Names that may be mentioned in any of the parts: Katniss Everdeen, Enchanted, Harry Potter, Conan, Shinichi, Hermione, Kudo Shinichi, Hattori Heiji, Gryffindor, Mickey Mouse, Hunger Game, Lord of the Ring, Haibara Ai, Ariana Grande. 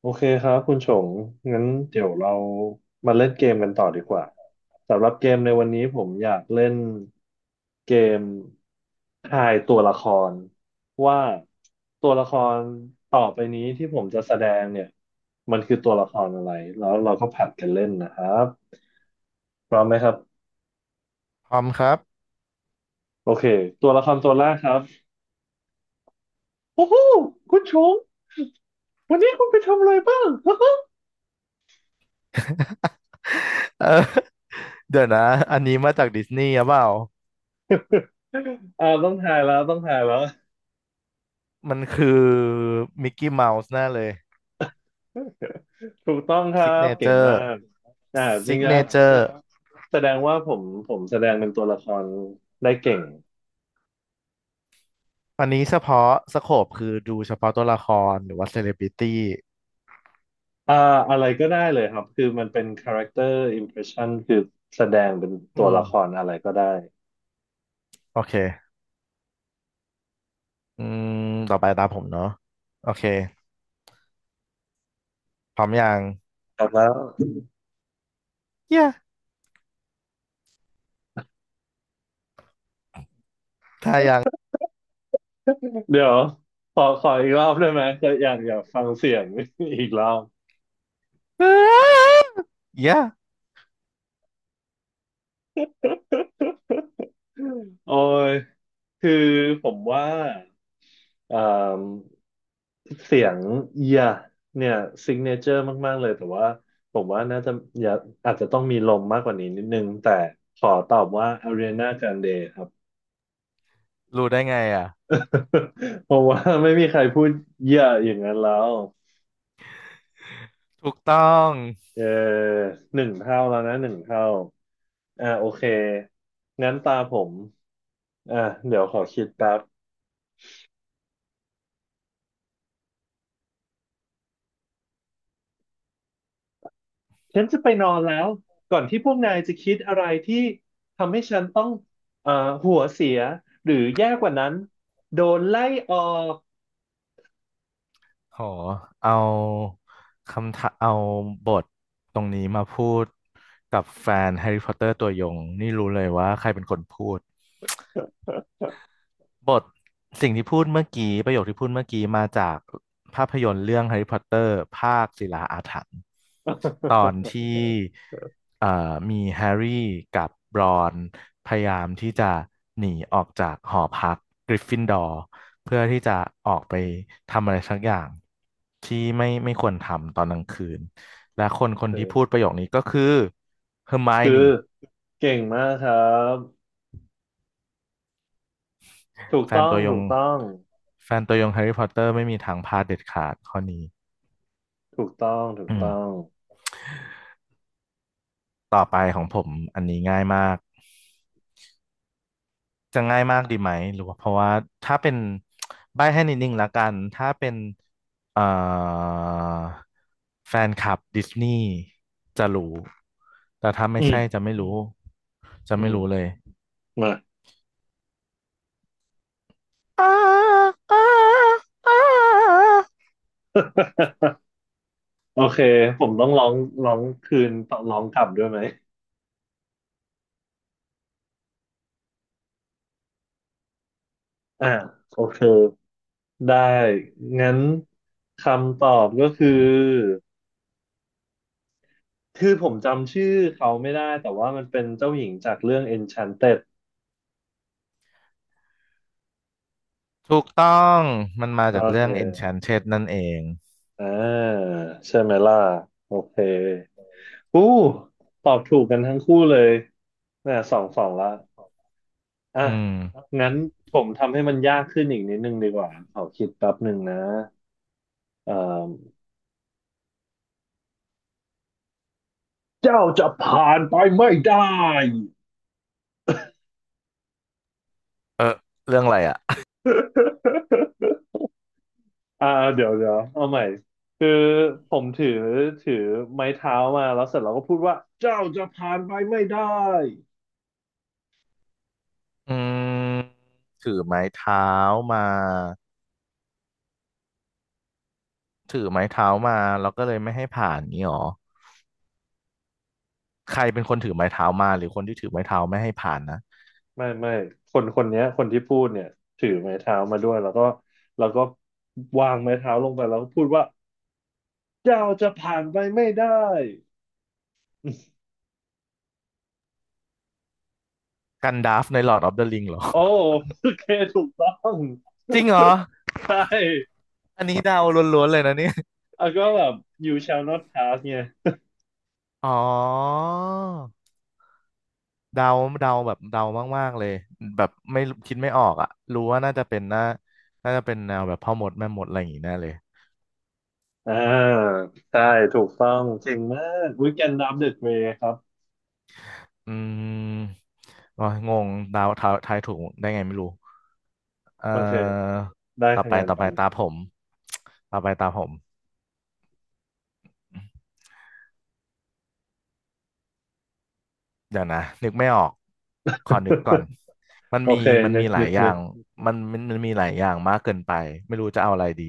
โอเคครับคุณชงงั้นเดี๋ยวเรามาเล่นเกมกันต่อดีกว่าสำหรับเกมในวันนี้ผมอยากเล่นเกมทายตัวละครว่าตัวละครต่อไปนี้ที่ผมจะแสดงเนี่ยมันคือตัวละครอะไรแล้วเราก็ผัดกันเล่นนะครับพร้อมไหมครับทอมครับโอเคตัวละครตัวแรกครับโอ้โหคุณชงวันนี้คุณไปทำอะไรบ้าง เออ เดี๋ยวนะ อันนี้มาจากดิสนีย์หรือเปล่า ต้องถ่ายแล้วต้องถ่ายแล้ว มันคือมิกกี้เมาส์แน่เลยถูกต้องครัซิกบเนเจเก่งอมาร์กอ่าจซิริงกเนนะเจอร์แสดงว่าผมแสดงเป็นตัวละครได้เก่งอันนี้เฉพาะสโคปคือดูเฉพาะตัวละครหรือว่าเซเลบริตี้อ่าอะไรก็ได้เลยครับคือมันเป็น character impression คือแสดงเป็นอืตัวมละครอะไรก็ได้โอเคอืมต่อไปตามผมเนาะโอเคพร้อมยังครับแล้วเย้ถ้ายังเดี๋ยวขออีกรอบได้ไหมก็อยากฟังเสียง อีกรอบเย้ โอ้ยคือผมว่าเอ่อ เสียงเอียเนี่ยซิกเนเจอร์มากๆเลยแต่ว่าผมว่าน่าจะอย่าอาจจะต้องมีลมมากกว่านี้นิดนึงแต่ขอตอบว่า Ariana Grande ครับรู้ได้ไงอ่ะเพราะว่าไม่มีใครพูดเยอะอย่างนั้นแล้วถูกต้อง เออหนึ่งเท่าแล้วนะหนึ่งเท่าโอเคงั้นตาผมอ่าเดี๋ยวขอคิดแป๊บฉันจะไปนอนแล้วก่อนที่พวกนายจะคิดอะไรที่ทำให้ฉันต้องเอ่อหัวเสียหรือแย่กว่านั้นโดนไล่ออก โหเอาคำถาเอาบทตรงนี้มาพูดกับแฟนแฮร์รี่พอตเตอร์ตัวยงนี่รู้เลยว่าใครเป็นคนพูด บทสิ่งที่พูดเมื่อกี้ประโยคที่พูดเมื่อกี้มาจากภาพยนตร์เรื่องแฮร์รี่พอตเตอร์ภาคศิลาอาถรรพ์ตอน ที่เอ่อมีแฮร์รี่กับบรอนพยายามที่จะหนีออกจากหอพักกริฟฟินดอร์เพื่อที่จะออกไปทำอะไรสักอย่างที่ไม่ควรทำตอนกลางคืนและคนคนที่พูดเออประโยคนี้ก็คือเฮอร์ไมโอคือนี่เก่งมากครับถูกแฟนต้องตัวยถูงกต้องแฟนตัวยงแฮร์รี่พอตเตอร์ไม่มีทางพลาดเด็ดขาดข้อนี้ ถูกต้องถูกอืต้องมต่อไปของผมอันนี้ง่ายมากจะง่ายมากดีไหมหรือว่าเพราะว่าถ้าเป็นใบ้ให้นิดนึงละกันถ้าเป็นเอ่อแฟนคลับดิสนีย์จะรู้แต่ถ้าอืไม่ใช่มจะไม่รู้จะอืไม่มรู้เลยมาอ้าอ้าอ้าโอเคผมต้องร้องร้องคืนต้องร้องกลับด้วยไหมอ่าโอเคได้งั้นคำตอบก็คือคือผมจำชื่อเขาไม่ได้แต่ว่ามันเป็นเจ้าหญิงจากเรื่อง Enchanted ถูกต้องมันมาโอจากเคเรื่อง Enchanted นั่นเองอ่าใช่ไหมล่ะโอเค อู้ตอบถูกกันทั้งคู่เลยเนี่ยสองสองละอ่ะอืมงั้นผมทำให้มันยากขึ้นอีกนิดนึงดีกว่าขอคิดแป๊บหนึ่งนะเอ่อเจ้าจะผ่านไปไม่ได้ เออเรื่องอะไรอ่ะอ่าเดี๋ยวเดี๋ยวเอาใหม่คือผมถือไม้เท้ามาแล้วเสร็จเราก็พูดว่าเจ้าจะผ่านไปไม่ได้อืมถือไม้เท้ามา ถือไม้เท้ามาแล้วก็เลยไม่ให้ผ่านนี้หรอใครเป็นคนถือไม้เท้ามาหรือคนที่ถือไม้เท้าไม่ให้ผ่านนะไม่ไม่คนเนี้ยคนที่พูดเนี่ยถือไม้เท้ามาด้วยแล้วก็วางไม้เท้าลงไปแล้วก็พูดว่า เจ้าจะผ่านไปไม่ได้กันดาฟใน Lord of the Ring เหรอ โอ้โอเคถูกต้อง จริงเหรอใช่อันนี้เดาล้วนๆเลยนะเนี่ยแล้วก็แบบ you shall not pass เนี่ยอ๋อเดาเดาแบบเดามากๆเลยแบบไม่คิดไม่ออกอ่ะรู้ว่าน่าจะเป็นแนวแบบพ่อมดแม่มดอะไรอย่างงี้แน่เลยอ่าใช่ถูกต้องเก่งมากวิกแอนดัมเดอะเกรย์ครับอืมอ๋องงเดาทายถูกได้ไงไม่รู้เอ่อโอเคได้ต่อคะไปแนนต่อไปไปนะ ตาผมต่อไปตาผม เดี๋ยวนะนึกไม่ออกขอนึกก่อน มันโอมีเคมันนึมีกหลานึยกอย่านึกงมันมีหลายอย่างมากเกินไปไม่รู้จะเอาอะไรดี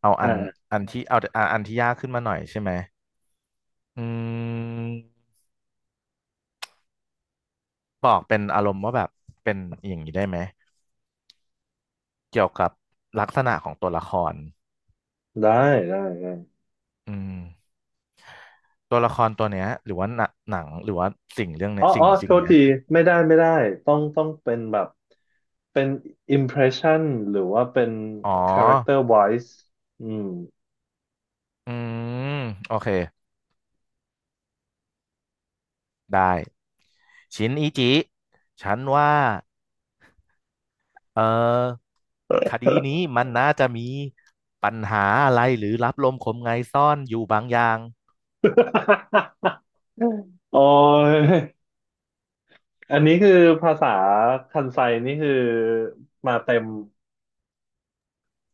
เอาอันอ่าอันที่เอาอันอันที่ยากขึ้นมาหน่อยใช่ไหมอืมบอกเป็นอารมณ์ว่าแบบเป็นอย่างนี้ได้ไหมเกี่ยวกับลักษณะของตัวละครได้ได้ได้อืมตัวละครตัวเนี้ยหรือว่าหนังหรือว่าสิ่งเรื่องอ๋เนี้อยสิ่อ๋องโทสิ่งษเนี้ยทีไม่ได้ไม่ได้ต้องเป็นแบบเป็น impression หรือว่าเป็น อ๋อ character wise อืม อืมโอเคได้ชินอิจิฉันว่า เออคดีนี้มันน่าจะมีปัญหาอะไรหรือรับลมคมไงซ่อนอยู่บางอย่าง โอ้ย อันนี้คือภาษาคันไซนี่คือมาเต็ม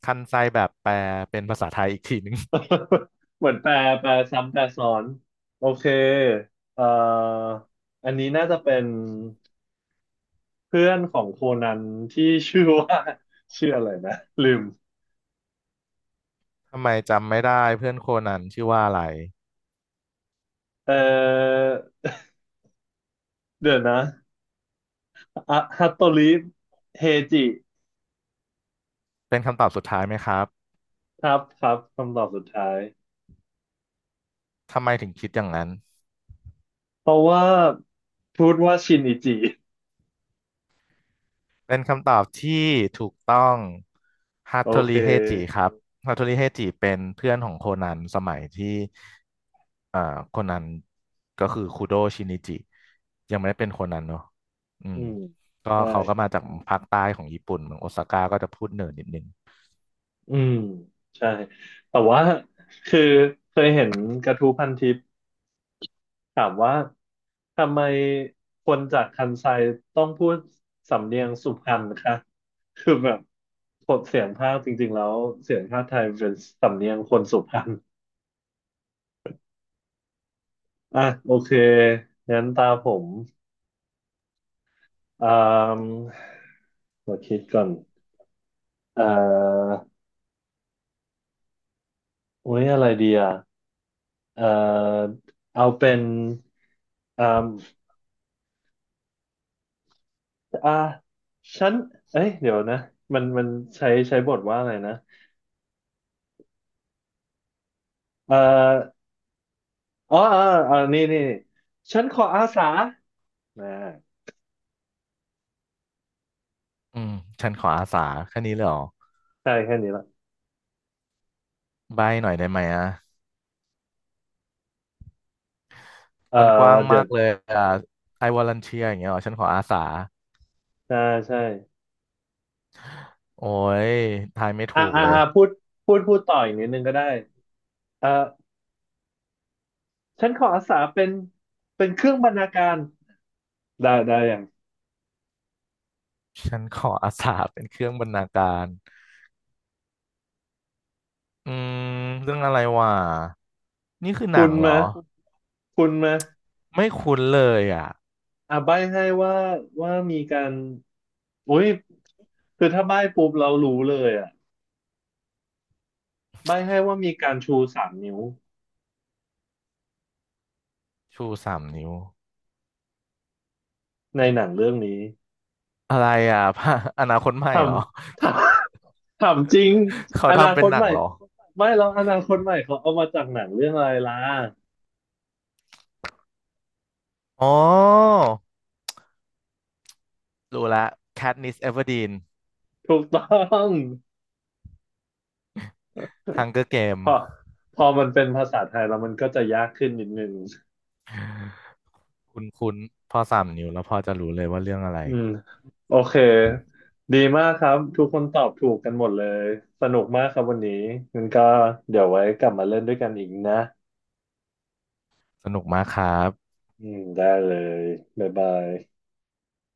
คันไซแบบแปลเป็นภาษาไทยอีกทีหนึง เหมือนแปลแปลซ้ำแปลซ้อนโอเคเอ่ออันนี้น่าจะเป็นเพื่อนของโคนันที่ชื่อว่า ชื่ออะไรนะลืมทำไมจำไม่ได้เพื่อนโคนันชื่อว่าอะไรเอ่อเดี๋ยวนะอะฮัตโตริเฮจิเป็นคำตอบสุดท้ายไหมครับครับครับคำตอบสุดท้ายทำไมถึงคิดอย่างนั้น เพราะว่าพูดว่าชินอิจิเป็นคำตอบที่ถูกต้องฮัตโอโทเคริเฮจิครับฮัตโทริเฮจิเป็นเพื่อนของโคนันสมัยที่เอ่อโคนันก็คือคุโดชินิจิยังไม่ได้เป็นโคนันเนาะอือืมมก็ใเขาก็ช่ มาจากภาคใต้ของญี่ปุ่นเมืองโอซาก้าก็จะพูดเหนือนิดนึงอืมใช่แต่ว่าคือเคยเห็นกระทู้พันทิปถามว่าทำไมคนจากคันไซต้องพูดสำเนียงสุพรรณคะคือแบบกดเสียงภาคจริงๆแล้วเสียงภาคไทยเป็นสำเนียงคนสุพรรณอ่ะโอเคงั้นตาผมอ่ามาคิดก่อนเอ่อโอ้ยอะไรดีอ่ะเอ่อเอาเป็นอ่า อ่าฉันเอ้ยเดี๋ยวนะมันมันใช้บทว่าอะไรนะเอ่ออ๋ออ๋ออ๋อนี่นี่ฉันขออาสานะอืมฉันขออาสาแค่นี้เลยเหรอใช่แค่นี้ละใบหน่อยได้ไหมอ่ะเอ่อมันกว้างเดี๋ยมาวกเลยอ่ะ I volunteer อย่างเงี้ยเหรอฉันขออาสาใช่ใช่โอ้ยทายไม่ถูกเลย พูดพูดต่ออีกนิดนึงก็ได้เอ่อฉันขออาสาเป็นเป็นเครื่องบรรณาการได้ได้อย่างฉันขออาสาเป็นเครื่องบรรณาการอืมเรื่องอะไรวะนี่คือหคุนัณงเหรมาอ คุณมาไม่คุ้นเลยอ่ะ ใบ้ให้ว่าว่ามีการอุ้ยคือถ้าใบ้ปุ๊บเรารู้เลยอ่ะใบ้ให้ว่ามีการชูสามนิ้ว ชูสามนิ้ว ในหนังเรื่องนี้อะไรอ่ะพระ อนาคตใหม่ทำ เหรอ ทำทำจริง เขาอนาทำคเป็นตหนัใหงม่เหรอไม่หรอกอนาคตใหม่เขาเอามาจากหนังเรื่องอะไรล่ะอ๋อรู้ละ Katniss Everdeen ถูกต้อง Hunger Game พอพอมันเป็นภาษาไทยแล้วมันก็จะยากขึ้นนิดนึงคุ้นคุ้นพอสามนิ้วแล้วพอจะรู้เลยว่าเรื่องอะไร อืมโอเคดีมากครับทุกคนตอบถูกกันหมดเลยสนุกมากครับวันนี้งั้นก็เดี๋ยวไว้กลับมาเล่นด้วยกันอีกนะสนุกมากครับอืมได้เลยบ๊ายบาย